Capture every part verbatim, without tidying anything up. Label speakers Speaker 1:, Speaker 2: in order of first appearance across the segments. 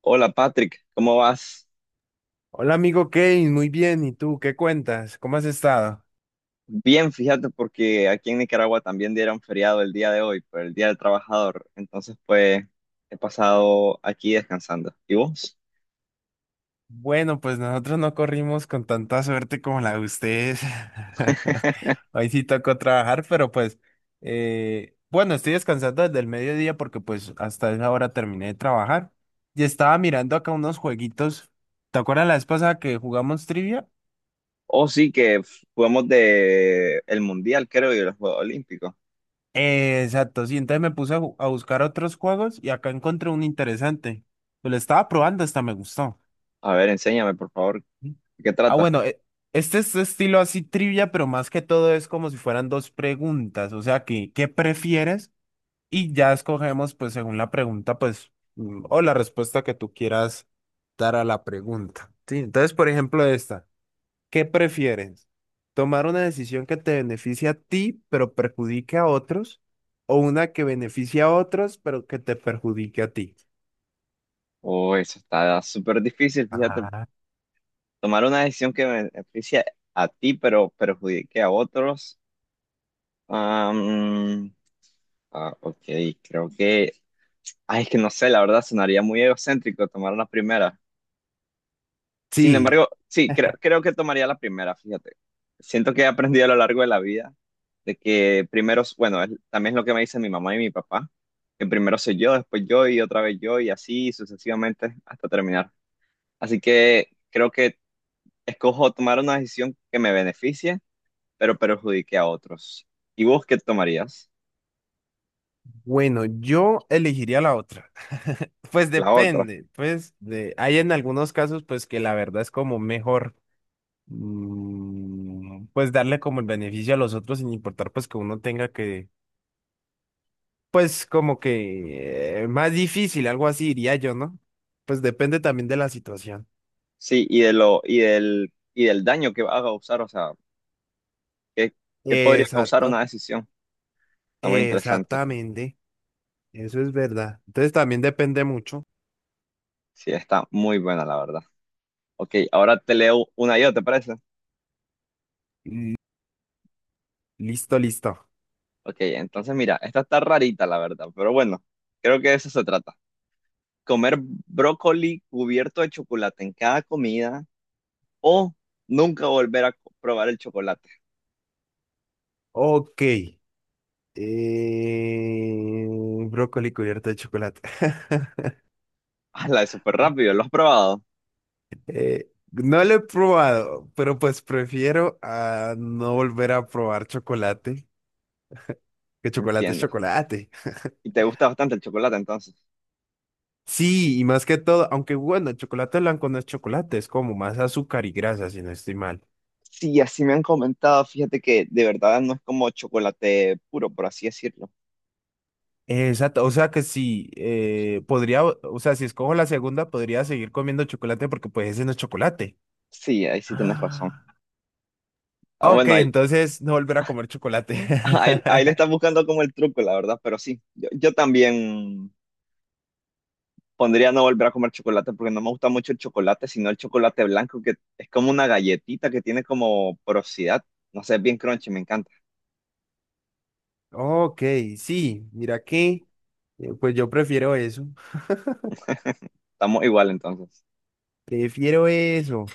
Speaker 1: Hola Patrick, ¿cómo vas?
Speaker 2: Hola amigo Kevin, muy bien. ¿Y tú qué cuentas? ¿Cómo has estado?
Speaker 1: Bien, fíjate porque aquí en Nicaragua también dieron feriado el día de hoy, por el Día del Trabajador. Entonces, pues he pasado aquí descansando. ¿Y vos?
Speaker 2: Bueno, pues nosotros no corrimos con tanta suerte como la de ustedes. Hoy sí tocó trabajar, pero pues eh, bueno, estoy descansando desde el mediodía porque pues hasta esa hora terminé de trabajar y estaba mirando acá unos jueguitos. ¿Te acuerdas la vez pasada que jugamos trivia?
Speaker 1: Oh, sí, que f- jugamos de el Mundial, creo, y los Juegos Olímpicos.
Speaker 2: Eh, exacto, sí, entonces me puse a, ju- a buscar otros juegos y acá encontré un interesante. Pues lo estaba probando, hasta me gustó.
Speaker 1: A ver, enséñame, por favor, ¿de qué
Speaker 2: Ah,
Speaker 1: trata?
Speaker 2: bueno, e- este es estilo así trivia, pero más que todo es como si fueran dos preguntas, o sea, que, ¿qué prefieres? Y ya escogemos, pues, según la pregunta, pues, mm, o la respuesta que tú quieras dar a la pregunta. Sí, entonces, por ejemplo, esta, ¿qué prefieres? ¿Tomar una decisión que te beneficie a ti, pero perjudique a otros? ¿O una que beneficie a otros, pero que te perjudique a ti?
Speaker 1: Oh, eso está súper difícil, fíjate.
Speaker 2: Ah,
Speaker 1: Tomar una decisión que me beneficie a ti, pero perjudique a otros. Am, ah, ok, creo que, ay, es que no sé, la verdad sonaría muy egocéntrico tomar la primera. Sin
Speaker 2: sí.
Speaker 1: embargo, sí, creo, creo que tomaría la primera, fíjate. Siento que he aprendido a lo largo de la vida de que primero, bueno, es- también es lo que me dicen mi mamá y mi papá, que primero soy yo, después yo y otra vez yo y así sucesivamente hasta terminar. Así que creo que escojo tomar una decisión que me beneficie, pero perjudique a otros. ¿Y vos qué tomarías?
Speaker 2: Bueno, yo elegiría la otra. Pues
Speaker 1: La otra.
Speaker 2: depende, pues de, hay en algunos casos pues que la verdad es como mejor mm, pues darle como el beneficio a los otros sin importar pues que uno tenga que pues como que eh, más difícil, algo así diría yo, ¿no? Pues depende también de la situación.
Speaker 1: Sí, y de lo, y del, y del daño que va a causar, o sea. ¿Qué, ¿qué podría causar
Speaker 2: Exacto,
Speaker 1: una decisión? Está muy interesante.
Speaker 2: exactamente, eso es verdad. Entonces también depende mucho.
Speaker 1: Sí, está muy buena, la verdad. Ok, ahora te leo una yo, ¿te parece?
Speaker 2: L- Listo, listo.
Speaker 1: Ok, entonces mira, esta está rarita, la verdad, pero bueno, creo que de eso se trata. Comer brócoli cubierto de chocolate en cada comida o nunca volver a co- probar el chocolate.
Speaker 2: Ok. Eh, brócoli cubierto de chocolate.
Speaker 1: ¡Hala, es súper rápido! ¿Lo has probado?
Speaker 2: Eh, no lo he probado, pero pues prefiero a no volver a probar chocolate, que chocolate es
Speaker 1: Entiendo.
Speaker 2: chocolate.
Speaker 1: ¿Y te gusta bastante el chocolate entonces?
Speaker 2: Sí, y más que todo, aunque bueno, el chocolate blanco no es chocolate, es como más azúcar y grasa, si no estoy mal.
Speaker 1: Sí, así me han comentado, fíjate que de verdad no es como chocolate puro, por así decirlo.
Speaker 2: Exacto, o sea que sí, eh, podría, o o sea, si escojo la segunda, podría seguir comiendo chocolate porque pues ese no es chocolate.
Speaker 1: Sí, ahí sí tienes razón. Ah,
Speaker 2: Ah, ok,
Speaker 1: bueno, ahí,
Speaker 2: entonces no volver a comer chocolate.
Speaker 1: ahí, ahí le estás buscando como el truco, la verdad, pero sí, yo, yo también pondría no volver a comer chocolate porque no me gusta mucho el chocolate, sino el chocolate blanco, que es como una galletita que tiene como porosidad. No sé, es bien crunchy, me encanta.
Speaker 2: Ok, sí, mira que, eh, pues yo prefiero eso,
Speaker 1: Estamos igual entonces.
Speaker 2: prefiero eso.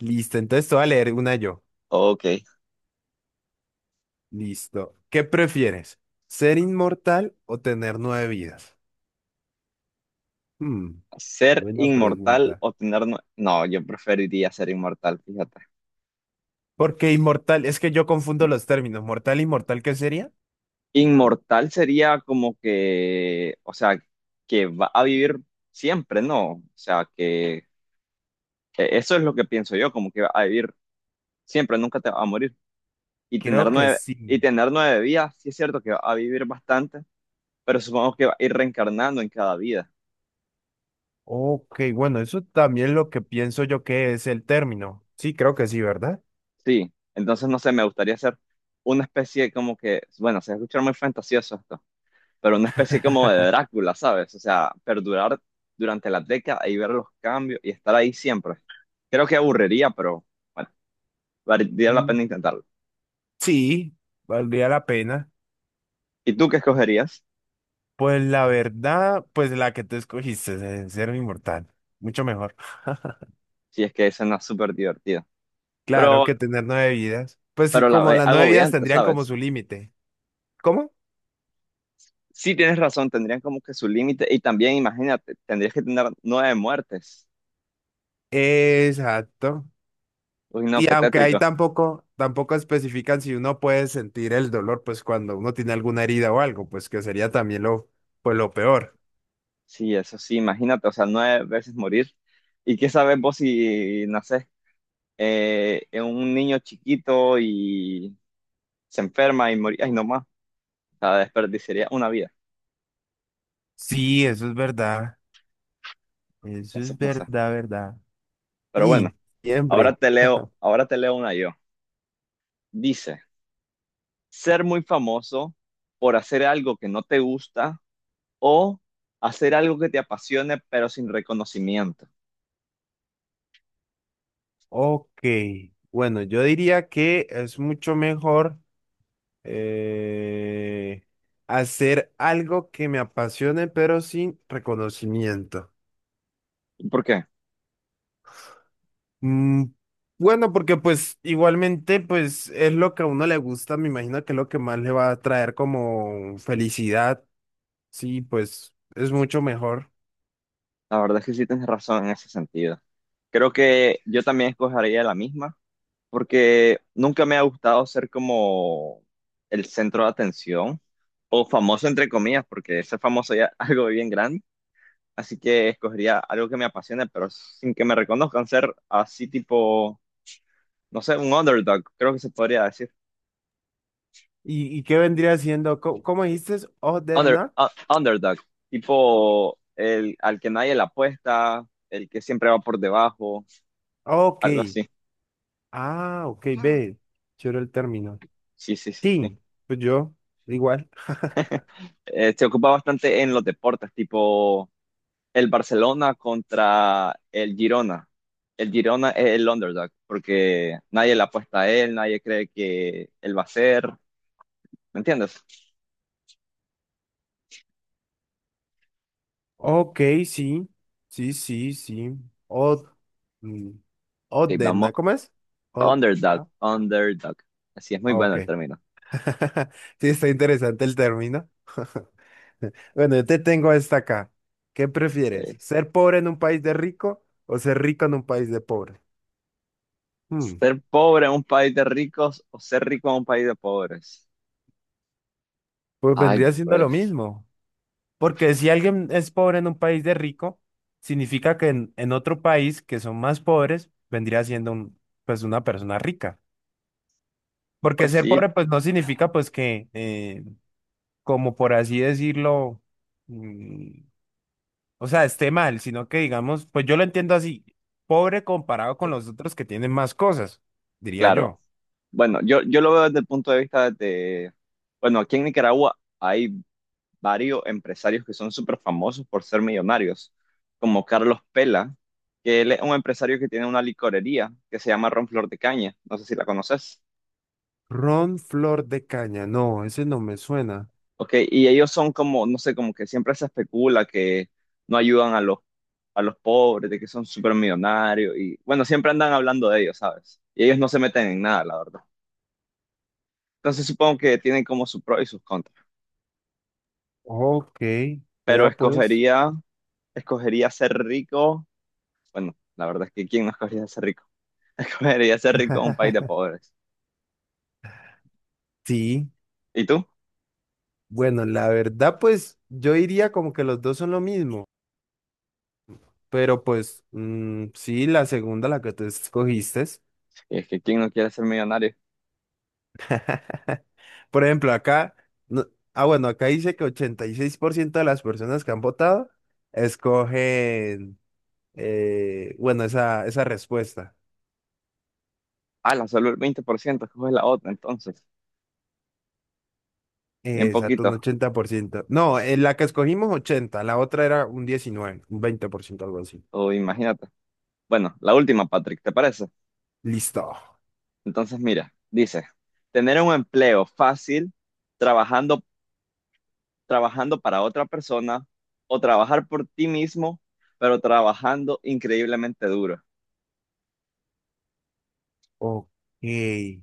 Speaker 2: Listo, entonces te voy a leer una yo.
Speaker 1: Ok.
Speaker 2: Listo. ¿Qué prefieres? ¿Ser inmortal o tener nueve vidas? Hmm,
Speaker 1: ¿Ser
Speaker 2: buena
Speaker 1: inmortal
Speaker 2: pregunta.
Speaker 1: o tener nue- no, yo preferiría ser inmortal, fíjate.
Speaker 2: Porque inmortal, es que yo confundo los términos. ¿Mortal, e inmortal qué sería?
Speaker 1: Inmortal sería como que, o sea, que va a vivir siempre, ¿no? O sea, que que eso es lo que pienso yo, como que va a vivir siempre, nunca te va a morir. Y tener
Speaker 2: Creo que
Speaker 1: nueve, y
Speaker 2: sí.
Speaker 1: tener nueve vidas, sí es cierto que va a vivir bastante, pero supongo que va a ir reencarnando en cada vida.
Speaker 2: Ok, bueno, eso también es lo que pienso yo que es el término. Sí, creo que sí, ¿verdad?
Speaker 1: Sí, entonces no sé, me gustaría hacer una especie como que, bueno, se escucha muy fantasioso esto, pero una especie como de Drácula, ¿sabes? O sea, perdurar durante la década y ver los cambios y estar ahí siempre. Creo que aburriría, pero bueno, valdría la
Speaker 2: Mm,
Speaker 1: pena intentarlo.
Speaker 2: sí, valdría la pena.
Speaker 1: ¿Y tú qué escogerías?
Speaker 2: Pues la verdad, pues la que tú escogiste, de ser un inmortal, mucho mejor.
Speaker 1: Si es que suena súper divertido.
Speaker 2: Claro
Speaker 1: Pero,
Speaker 2: que tener nueve vidas. Pues sí,
Speaker 1: pero la
Speaker 2: como
Speaker 1: ve-
Speaker 2: las nueve vidas
Speaker 1: agobiante,
Speaker 2: tendrían como
Speaker 1: ¿sabes?
Speaker 2: su límite. ¿Cómo?
Speaker 1: Sí, tienes razón, tendrían como que su límite. Y también, imagínate, tendrías que tener nueve muertes.
Speaker 2: Exacto.
Speaker 1: Uy, no,
Speaker 2: Y
Speaker 1: qué
Speaker 2: aunque ahí
Speaker 1: tétrico.
Speaker 2: tampoco, tampoco especifican si uno puede sentir el dolor, pues cuando uno tiene alguna herida o algo, pues que sería también lo, pues lo peor.
Speaker 1: Sí, eso sí, imagínate, o sea, nueve veces morir. ¿Y qué sabes vos si nacés eh, en un niño chiquito y se enferma y morí? Ay, no más, o sea, desperdiciaría una vida.
Speaker 2: Sí, eso es verdad. Eso es
Speaker 1: Entonces, no sé.
Speaker 2: verdad, verdad.
Speaker 1: Pero bueno,
Speaker 2: Y
Speaker 1: ahora
Speaker 2: siempre.
Speaker 1: te leo, ahora te leo una yo. Dice, ser muy famoso por hacer algo que no te gusta o hacer algo que te apasione pero sin reconocimiento.
Speaker 2: Ok. Bueno, yo diría que es mucho mejor. Eh, hacer algo que me apasione, pero sin reconocimiento.
Speaker 1: ¿Por qué?
Speaker 2: Mm, bueno, porque pues igualmente pues es lo que a uno le gusta, me imagino que es lo que más le va a traer como felicidad. Sí, pues es mucho mejor.
Speaker 1: La verdad es que sí tienes razón en ese sentido. Creo que yo también escogería la misma, porque nunca me ha gustado ser como el centro de atención o famoso entre comillas, porque ser famoso ya es algo bien grande. Así que escogería algo que me apasione, pero sin que me reconozcan, ser así tipo, no sé, un underdog, creo que se podría decir.
Speaker 2: ¿Y, y qué vendría siendo? ¿Cómo, cómo dijiste? Other
Speaker 1: Under,
Speaker 2: not?
Speaker 1: u- Underdog, tipo el al que nadie le apuesta, el que siempre va por debajo,
Speaker 2: Ok.
Speaker 1: algo así.
Speaker 2: Ah, ok, ve. Chévere el término.
Speaker 1: Sí, sí, sí, sí.
Speaker 2: Sí, pues yo, igual.
Speaker 1: Eh, se ocupa bastante en los deportes, tipo el Barcelona contra el Girona. El Girona es el underdog, porque nadie le apuesta a él, nadie cree que él va a ser. ¿Me entiendes?
Speaker 2: Ok, sí, sí, sí, sí. Od, mm,
Speaker 1: Sí, vamos,
Speaker 2: Odena, ¿cómo es? Od,
Speaker 1: underdog,
Speaker 2: ¿no?
Speaker 1: underdog. Así es muy
Speaker 2: Ah,
Speaker 1: bueno el
Speaker 2: ok.
Speaker 1: término.
Speaker 2: Sí, está interesante el término. Bueno, yo te tengo esta acá. ¿Qué prefieres?
Speaker 1: Eh,
Speaker 2: ¿Ser pobre en un país de rico o ser rico en un país de pobre? Hmm,
Speaker 1: ser pobre en un país de ricos o ser rico en un país de pobres.
Speaker 2: pues
Speaker 1: Ay,
Speaker 2: vendría siendo lo
Speaker 1: pues,
Speaker 2: mismo. Porque si alguien es pobre en un país de rico, significa que en, en otro país que son más pobres, vendría siendo un, pues una persona rica. Porque
Speaker 1: pues
Speaker 2: ser
Speaker 1: sí,
Speaker 2: pobre pues no significa pues que, eh, como por así decirlo, mm, o sea, esté mal, sino que digamos, pues yo lo entiendo así, pobre comparado con los otros que tienen más cosas, diría
Speaker 1: claro.
Speaker 2: yo.
Speaker 1: Bueno, yo, yo lo veo desde el punto de vista de, bueno, aquí en Nicaragua hay varios empresarios que son súper famosos por ser millonarios, como Carlos Pela, que él es un empresario que tiene una licorería que se llama Ron Flor de Caña, no sé si la conoces.
Speaker 2: Ron Flor de Caña, no, ese no me suena.
Speaker 1: Ok, y ellos son como, no sé, como que siempre se especula que no ayudan a los, a los pobres, de que son súper millonarios, y bueno, siempre andan hablando de ellos, ¿sabes? Y ellos no se meten en nada, la verdad. Entonces supongo que tienen como sus pros y sus contras,
Speaker 2: Ok,
Speaker 1: pero
Speaker 2: vea pues.
Speaker 1: escogería, escogería ser rico, bueno, la verdad es que ¿quién no escogería ser rico? Debería ser rico en un país de pobres.
Speaker 2: Sí,
Speaker 1: ¿Y tú?
Speaker 2: bueno, la verdad pues yo diría como que los dos son lo mismo, pero pues mm, sí, la segunda, la que tú escogiste.
Speaker 1: Y es que ¿quién no quiere ser millonario?
Speaker 2: Por ejemplo, acá, no- ah, bueno, acá dice que ochenta y seis por ciento de las personas que han votado escogen, eh, bueno, esa, esa respuesta.
Speaker 1: Ah, la solo el veinte por ciento, coge la otra entonces.
Speaker 2: Eh,
Speaker 1: Bien
Speaker 2: Exacto, un
Speaker 1: poquito,
Speaker 2: ochenta por ciento. No, en la que escogimos ochenta, la otra era un diecinueve, un veinte por ciento, algo así.
Speaker 1: o imagínate. Bueno, la última, Patrick, ¿te parece?
Speaker 2: Listo.
Speaker 1: Entonces, mira, dice, tener un empleo fácil, trabajando, trabajando para otra persona, o trabajar por ti mismo, pero trabajando increíblemente duro.
Speaker 2: Ok.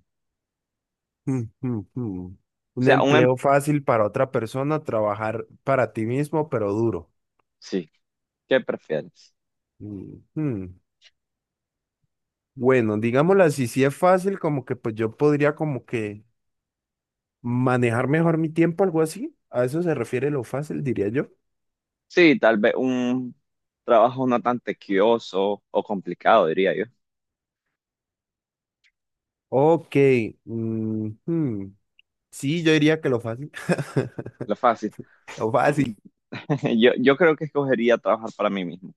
Speaker 2: Hmm, hmm, hmm.
Speaker 1: O
Speaker 2: Un
Speaker 1: sea, un em-
Speaker 2: empleo fácil para otra persona, trabajar para ti mismo, pero duro.
Speaker 1: sí, ¿qué prefieres?
Speaker 2: Mm, hmm. Bueno, digámoslo así, si es fácil, como que pues yo podría como que manejar mejor mi tiempo, algo así. A eso se refiere lo fácil, diría yo.
Speaker 1: Sí, tal vez un trabajo no tan tequioso o complicado, diría yo.
Speaker 2: Ok, mm, hmm, sí, yo diría que lo fácil.
Speaker 1: Lo fácil.
Speaker 2: Lo fácil.
Speaker 1: Yo, yo creo que escogería trabajar para mí mismo,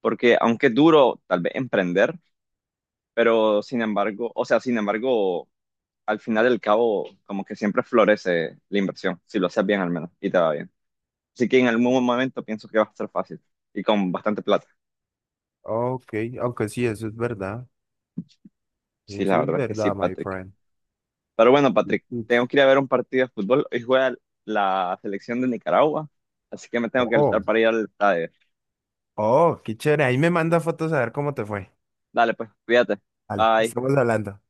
Speaker 1: porque aunque es duro tal vez emprender, pero sin embargo, o sea, sin embargo, al final del cabo, como que siempre florece la inversión, si lo haces bien al menos y te va bien. Así que en algún momento pienso que va a ser fácil y con bastante plata.
Speaker 2: Ok, aunque sí, eso es verdad.
Speaker 1: Sí, la
Speaker 2: Eso es
Speaker 1: verdad es que sí,
Speaker 2: verdad, my
Speaker 1: Patrick.
Speaker 2: friend.
Speaker 1: Pero bueno, Patrick,
Speaker 2: Mm.
Speaker 1: tengo que ir a ver un partido de fútbol. Hoy juega la selección de Nicaragua, así que me tengo que alistar
Speaker 2: Oh,
Speaker 1: para ir al estadio.
Speaker 2: oh, qué chévere. Ahí me manda fotos a ver cómo te fue.
Speaker 1: Dale, pues, cuídate.
Speaker 2: Vale,
Speaker 1: Bye.
Speaker 2: estamos hablando.